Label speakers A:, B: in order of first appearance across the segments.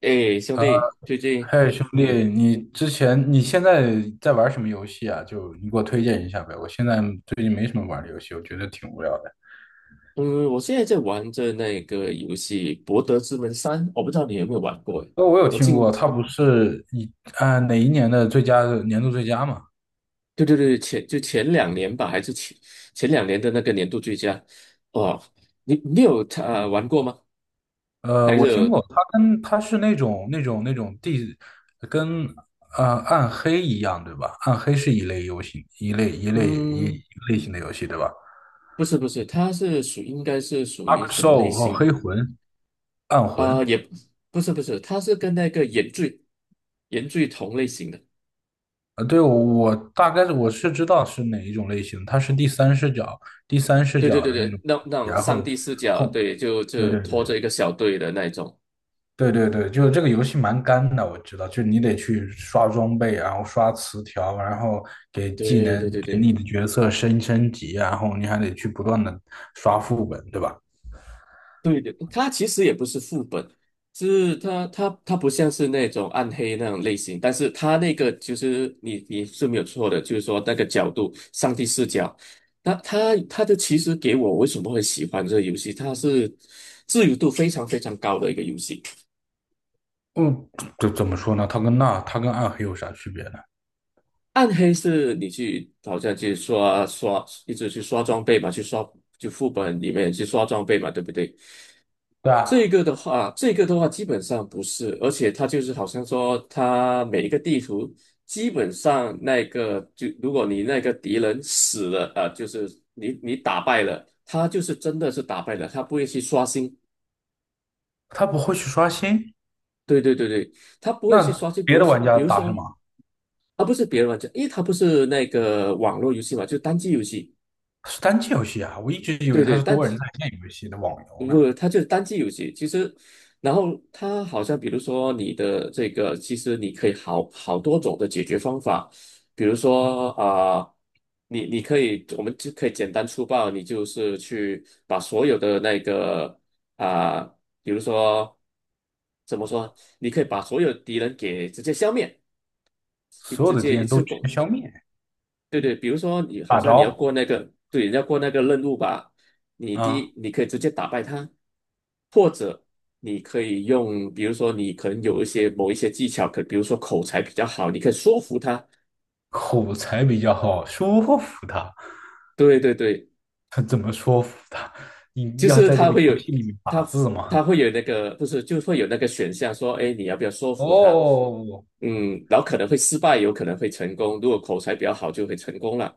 A: 哎，兄
B: 呃，
A: 弟，最近，
B: 嘿，兄弟，
A: 嗯
B: 你之前你现在在玩什么游戏啊？就你给我推荐一下呗。我现在最近没什么玩的游戏，我觉得挺无聊的。
A: 嗯，我现在在玩着那个游戏《博德之门三》，我不知道你有没有玩过诶。
B: 我有
A: 我
B: 听
A: 近，
B: 过，它不是啊，哪一年的最佳嘛？
A: 对对对，就前两年吧，还是前两年的那个年度最佳。哦，你有他玩过吗？还是
B: 我听
A: 有
B: 过，它是那种地跟暗黑一样，对吧？暗黑是一类游戏，一
A: 嗯，
B: 个类型的游戏，对吧。
A: 不是不是，它是属应该是属
B: 阿
A: 于
B: 克
A: 什么类
B: r 和
A: 型，
B: 黑魂、暗魂。
A: 也不是不是，它是跟那个原罪同类型的。
B: 啊，对，我大概我知道是哪一种类型，它是第三视角，第三视
A: 对对
B: 角
A: 对
B: 的那
A: 对，
B: 种，
A: 那种
B: 然
A: 上
B: 后
A: 帝视角，
B: 碰，
A: 对，就
B: 对
A: 就
B: 对对
A: 拖着一个小队的那一种，
B: 对对对，就是这个游戏蛮干的，我知道，就是你得去刷装备，然后刷词条，然后给技
A: 对对
B: 能
A: 对
B: 给你
A: 对
B: 的角色升级，然后你还得去不断的刷副本，对吧？
A: 对的，它其实也不是副本，是它不像是那种暗黑那种类型，但是它那个就是你是没有错的，就是说那个角度，上帝视角，那它的其实给我为什么会喜欢这个游戏，它是自由度非常非常高的一个游戏。
B: 嗯，这怎么说呢？它跟暗黑有啥区别呢？
A: 暗黑是你去好像去刷刷，一直去刷装备嘛，去刷就副本里面去刷装备嘛，对不对？
B: 对啊，
A: 这个的话基本上不是，而且它就是好像说，它每一个地图基本上那个就如果你那个敌人死了，就是你打败了，他就是真的是打败了，他不会去刷新。
B: 他不会去刷新，
A: 对对对对，他不会去
B: 那
A: 刷新。比
B: 别
A: 如
B: 的
A: 说，
B: 玩家
A: 比如
B: 打什
A: 说，
B: 么？
A: 啊，不是别人玩家，因为他不是那个网络游戏嘛，就是单机游戏。
B: 是单机游戏啊，我一直以为
A: 对
B: 它
A: 对，
B: 是
A: 但
B: 多人在线游戏的网游呢。
A: 不，它就是单机游戏。其实，然后它好像，比如说你的这个，其实你可以好多种的解决方法。比如说你可以，我们就可以简单粗暴，你就是去把所有的那个啊、比如说怎么说，你可以把所有敌人给直接消灭，
B: 所有
A: 直
B: 的敌
A: 接一
B: 人都
A: 次过。
B: 全消灭，
A: 对对，比如说你好
B: 大
A: 像你要
B: 招
A: 过那个，对，你要过那个任务吧，你第
B: 啊，
A: 一你可以直接打败他，或者你可以用，比如说你可能有一些某一些技巧，可比如说口才比较好，你可以说服他。
B: 口才比较好，说服他。
A: 对对对，
B: 他怎么说服他？你
A: 就
B: 要
A: 是
B: 在这个游戏里面打
A: 他
B: 字吗？
A: 他会有那个不是，就会有那个选项说，哎，你要不要说服他？
B: 哦，
A: 嗯，然后可能会失败，有可能会成功。如果口才比较好，就会成功了。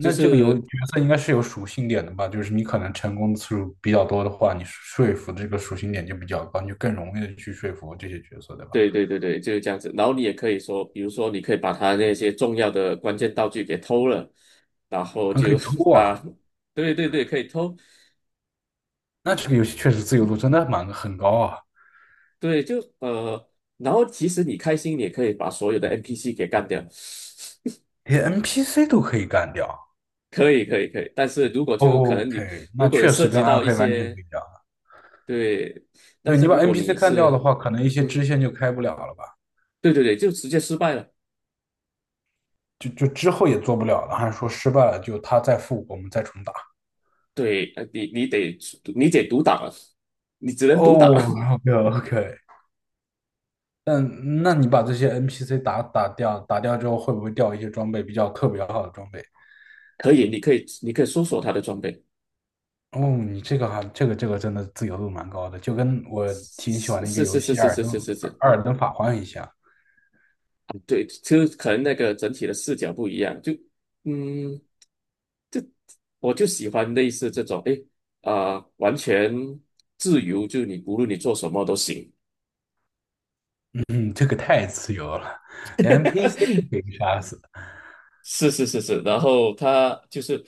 A: 就
B: 这个
A: 是
B: 角色应该是有属性点的吧？就是你可能成功次数比较多的话，你说服这个属性点就比较高，你就更容易的去说服这些角色，对吧？
A: 对对对对，就是这样子。然后你也可以说，比如说，你可以把他那些重要的关键道具给偷了，然后
B: 还可
A: 就
B: 以 偷啊，
A: 啊，对对对，可以偷，
B: 那这个游戏确实自由度真的很高啊，
A: 对，就然后其实你开心，你也可以把所有的 NPC 给干掉，
B: 连 NPC 都可以干掉。
A: 可以可以可以。但是如果就可能你
B: OK，
A: 如
B: 那
A: 果有
B: 确
A: 涉
B: 实
A: 及
B: 跟暗
A: 到一
B: 黑完全不
A: 些
B: 一样。
A: 对，但
B: 对，你
A: 是
B: 把
A: 如果
B: NPC
A: 你
B: 干掉的
A: 是
B: 话，可能一些
A: 嗯，
B: 支线就开不了了吧？
A: 对对对，就直接失败了，
B: 就之后也做不了了，还是说失败了就他再复活，我们再重打？
A: 对，你得独挡了，你只能独挡了，
B: 哦，OK OK。但那你把这些 NPC 打掉，打掉之后会不会掉一些装备比较特别好的装备？
A: 可以，你可以搜索他的装备。
B: 哦，你这个还这个这个真的自由度蛮高的，就跟我挺喜欢
A: 是
B: 的一个游
A: 是是是
B: 戏《艾尔
A: 是
B: 登
A: 是是是，
B: 艾尔登法环》一样。
A: 对，就可能那个整体的视角不一样，就嗯，我就喜欢类似这种，诶，完全自由，就你无论你做什么都行。
B: 嗯，这个太自由了，连 NPC 都可以杀死。
A: 是是是是，然后他就是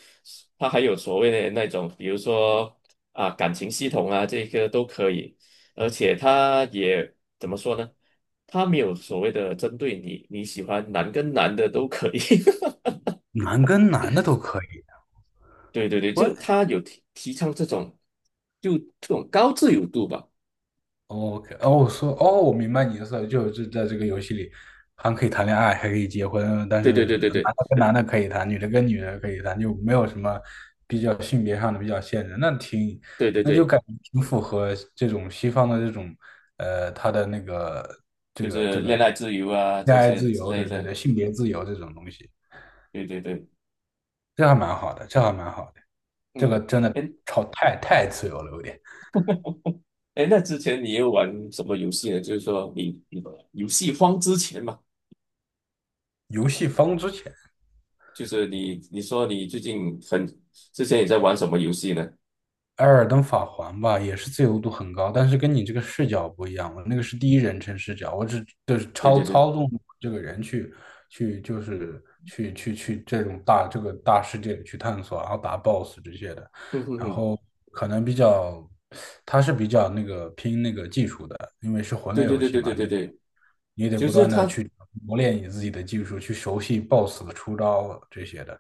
A: 他还有所谓的那种，比如说啊感情系统啊，这个都可以，而且他也怎么说呢？他没有所谓的针对你，你喜欢男跟男的都可以。
B: 男跟男的都可以。
A: 对对对，
B: 我
A: 就他有提倡这种，就这种高自由度吧。
B: OK 哦，我说哦，我明白你的意思了，就是在这个游戏里还可以谈恋爱，还可以结婚，但
A: 对对
B: 是
A: 对对对
B: 男的跟男的可以谈，女的跟女的可以谈，就没有什么比较性别上的比较限制。
A: 对对
B: 那就
A: 对，
B: 感觉挺符合这种西方的这种他的那个
A: 就是恋爱自由啊
B: 恋
A: 这
B: 爱
A: 些
B: 自
A: 之
B: 由，对
A: 类
B: 对
A: 的。
B: 对，性别自由这种东西，
A: 对对对，
B: 这还蛮好的，这还蛮好的，这个
A: 嗯，
B: 真的
A: 哎
B: 超太自由了，有点
A: 哎，那之前你有玩什么游戏呢？就是说你游戏荒之前嘛，
B: 游戏方之前。
A: 就是你说你最近很之前也在玩什么游戏呢？
B: 艾尔登法环吧，也是自由度很高，但是跟你这个视角不一样。我那个是第一人称视角，我只就是
A: 对
B: 操
A: 对对，
B: 操纵这个人去去就是去去去这个大世界里去探索，然后打 BOSS 这些的。
A: 嗯哼
B: 然
A: 哼，
B: 后可能比较，它是比较那个拼那个技术的，因为是魂
A: 对
B: 类
A: 对
B: 游
A: 对
B: 戏
A: 对
B: 嘛，
A: 对对
B: 你得
A: 对，
B: 你得
A: 就
B: 不
A: 是
B: 断的
A: 他
B: 去磨练你自己的技术，去熟悉 BOSS 的出招这些的。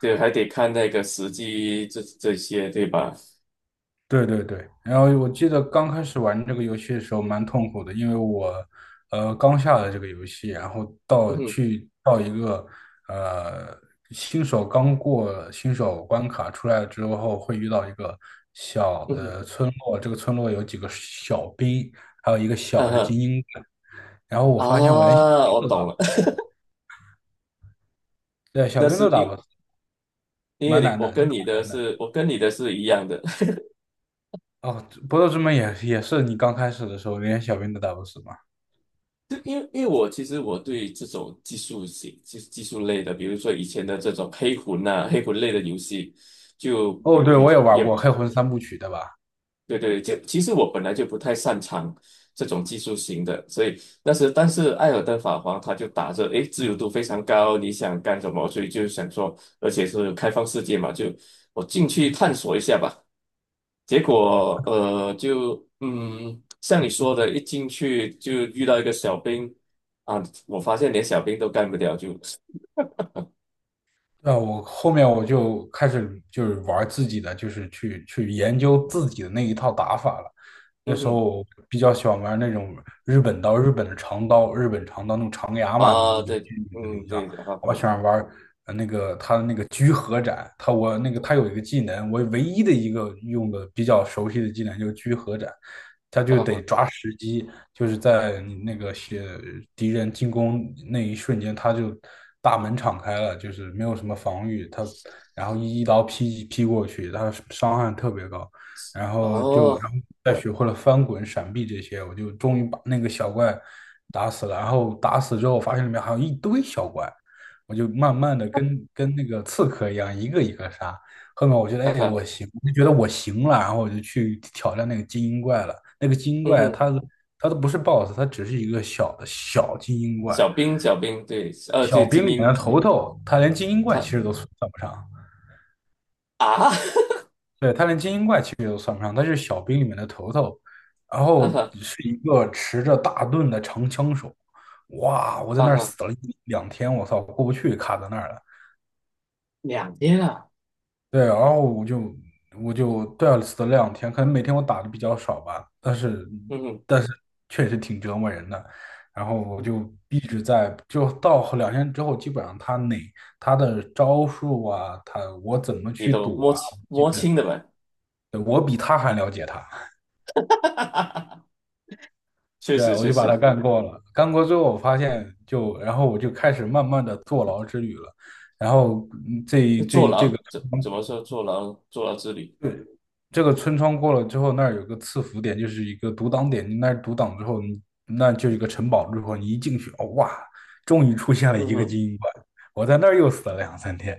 A: 对还得看那个时机这些对吧？
B: 对对对，然后我记得刚开始玩这个游戏的时候蛮痛苦的，因为我刚下了这个游戏，然后
A: 嗯哼
B: 到一个呃新手刚过新手关卡出来之后，会遇到一个小
A: 嗯哼。
B: 的村落，这个村落有几个小兵，还有一个小
A: 嗯
B: 的
A: 哼
B: 精英，然后我
A: 啊，
B: 发现我连小兵
A: 我
B: 都打
A: 懂
B: 不，
A: 了，
B: 对，小
A: 那
B: 兵都
A: 是
B: 打不
A: 因
B: 死，
A: 因为
B: 蛮
A: 你
B: 难的，
A: 我
B: 真的
A: 跟你
B: 蛮
A: 的
B: 难的。
A: 是我跟你的是一样的，
B: 哦，不斗之门也是你刚开始的时候连小兵都打不死吗？
A: 就因为我其实对这种技术型技术类的，比如说以前的这种黑魂呐、黑魂类的游戏，就
B: 哦，
A: 比
B: 对，我也
A: 比
B: 玩
A: 也
B: 过《黑魂三部曲》，对吧？
A: 对对，就其实我本来就不太擅长这种技术型的，所以但是《艾尔登法皇他就打着诶自由度非常高，你想干什么，所以就想说，而且是开放世界嘛，就我进去探索一下吧。结果就像你说的，一进去就遇到一个小兵啊，我发现连小兵都干不掉，就
B: 那我后面就开始就是玩自己的，就是去研究自己的那一套打法了。那
A: 嗯
B: 时候
A: 哼
B: 我比较喜欢玩那种日本刀，日本的长刀，日本长刀那种长牙嘛，名字
A: 啊，
B: 游戏
A: 对，
B: 名字
A: 嗯
B: 里叫。
A: 对，啊
B: 我喜欢玩那个他的那个居合斩，他有一个技能，我唯一的一个用的比较熟悉的技能就是居合斩，他
A: 啊
B: 就得
A: 啊
B: 抓时机，就是在你那个些敌人进攻那一瞬间，他就大门敞开了，就是没有什么防御，他然后一刀劈过去，他伤害特别高。然后就然
A: 哦，
B: 后再学会了翻滚、闪避这些，我就终于把那个小怪打死了。然后打死之后，发现里面还有一堆小怪，我就慢慢的跟那个刺客一样，一个一个杀。后面我觉得，
A: 看
B: 哎，
A: 看，
B: 我行，我就觉得我行了，然后我就去挑战那个精英怪了。那个精英
A: 嗯
B: 怪
A: 哼，
B: 它都不是 BOSS，它只是一个小精英怪，
A: 小兵小兵，对，就
B: 小兵
A: 精
B: 里面
A: 英，
B: 的头头，他连精英怪其实
A: 他
B: 都算不上。
A: 啊
B: 对，他连精英怪其实都算不上，他是小兵里面的头头，然
A: 啊
B: 后
A: 哈
B: 是一个持着大盾的长枪手。哇，我在
A: 啊
B: 那儿
A: 哈，
B: 死了一两天，我操，过不去，卡在那儿了。
A: 两天啊，
B: 对，然后我就对啊死了两天，可能每天我打的比较少吧，但是
A: 嗯哼，
B: 但是确实挺折磨人的。然后我就一直在，就到后两天之后，基本上他的招数啊，我怎么
A: 你
B: 去
A: 都
B: 躲
A: 摸
B: 啊，
A: 清
B: 基
A: 摸清
B: 本
A: 的呗，
B: 对我比他还了解他。
A: 确
B: 对，
A: 实
B: 我
A: 确
B: 就把
A: 实，
B: 它干过了。干过之后，我发现就，然后我就开始慢慢的坐牢之旅了。然后
A: 坐牢怎么说坐牢之旅，
B: 这个村庄过了之后，那儿有个赐福点，就是一个独挡点。你那儿独挡之后，你那就是一个城堡。之后你一进去，哦哇，终于出现了
A: 嗯
B: 一个
A: 哼。
B: 精英怪，我在那儿又死了两三天，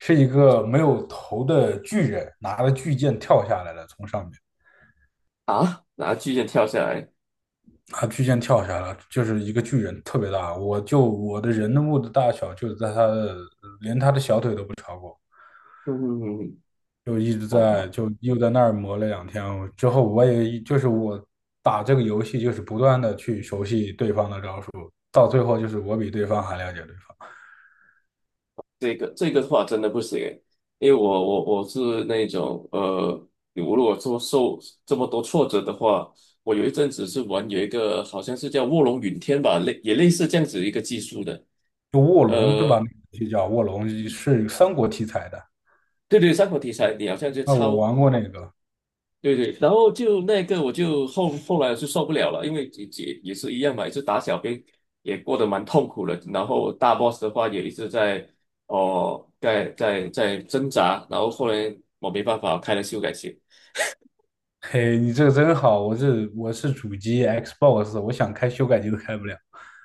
B: 是一个没有头的巨人拿着巨剑跳下来了，从上面。
A: 啊，拿巨剑跳下来，
B: 他巨剑跳下来，就是一个巨人，特别大。我的人物的大小，就在他的，连他的小腿都不超过，
A: 嗯嗯嗯，嗯
B: 就一直
A: 哇
B: 在
A: 妈，
B: 就又在那儿磨了两天。之后我也就是我打这个游戏，就是不断的去熟悉对方的招数，到最后就是我比对方还了解对方。
A: 这个的话真的不行诶，因为我是那种我如果说受这么多挫折的话，我有一阵子是玩有一个好像是叫卧龙云天吧，也类似这样子一个技术的，
B: 就卧龙对吧？
A: 呃，
B: 就叫卧龙，是三国题材的。
A: 对对，三国题材，你好像就
B: 那我
A: 抄。
B: 玩过那个，
A: 对对，然后就那个我就后来是受不了了，因为也是一样嘛，也是打小兵，也过得蛮痛苦的。然后大 boss 的话也一直在挣扎，然后后来我没办法开了修改器，
B: 嘿，你这个真好。我是主机 Xbox，我想开修改机都开不了。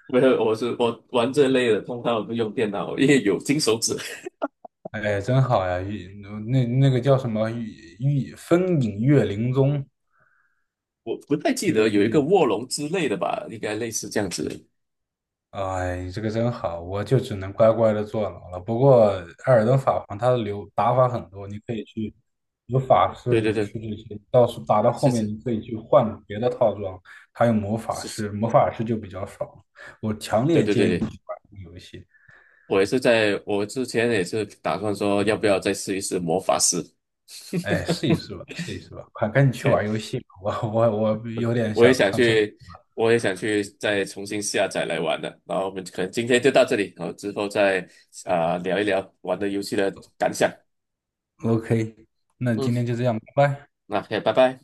A: 没有，我玩这类的，通常我都用电脑，因为有金手指。
B: 哎，真好呀！那个叫什么玉风影月灵踪
A: 我不太记
B: 这个
A: 得有
B: 东
A: 一个
B: 西，
A: 卧龙之类的吧，应该类似这样子的
B: 哎，这个真好，我就只能乖乖的坐牢了。不过艾尔登法环它的流打法很多，你可以有法师、
A: 对对
B: 武
A: 对，
B: 士这些，到时打到后
A: 是
B: 面
A: 是
B: 你可以去换别的套装，还有魔法
A: 是，是
B: 师，魔法师就比较爽。我强
A: 对
B: 烈
A: 对对
B: 建议你
A: 对。
B: 去玩这个游戏，
A: 我之前也是打算说，要不要再试一试魔法师
B: 哎，试一试吧，试一试吧，快赶紧去
A: ？OK，
B: 玩游戏吧。我有点
A: 我
B: 想
A: 也想
B: 上厕所。
A: 去，我也想去，再重新下载来玩的。然后我们可能今天就到这里，然后之后再聊一聊玩的游戏的感想。
B: OK，那今天
A: 嗯，
B: 就这样，拜拜。
A: 那 OK，拜拜。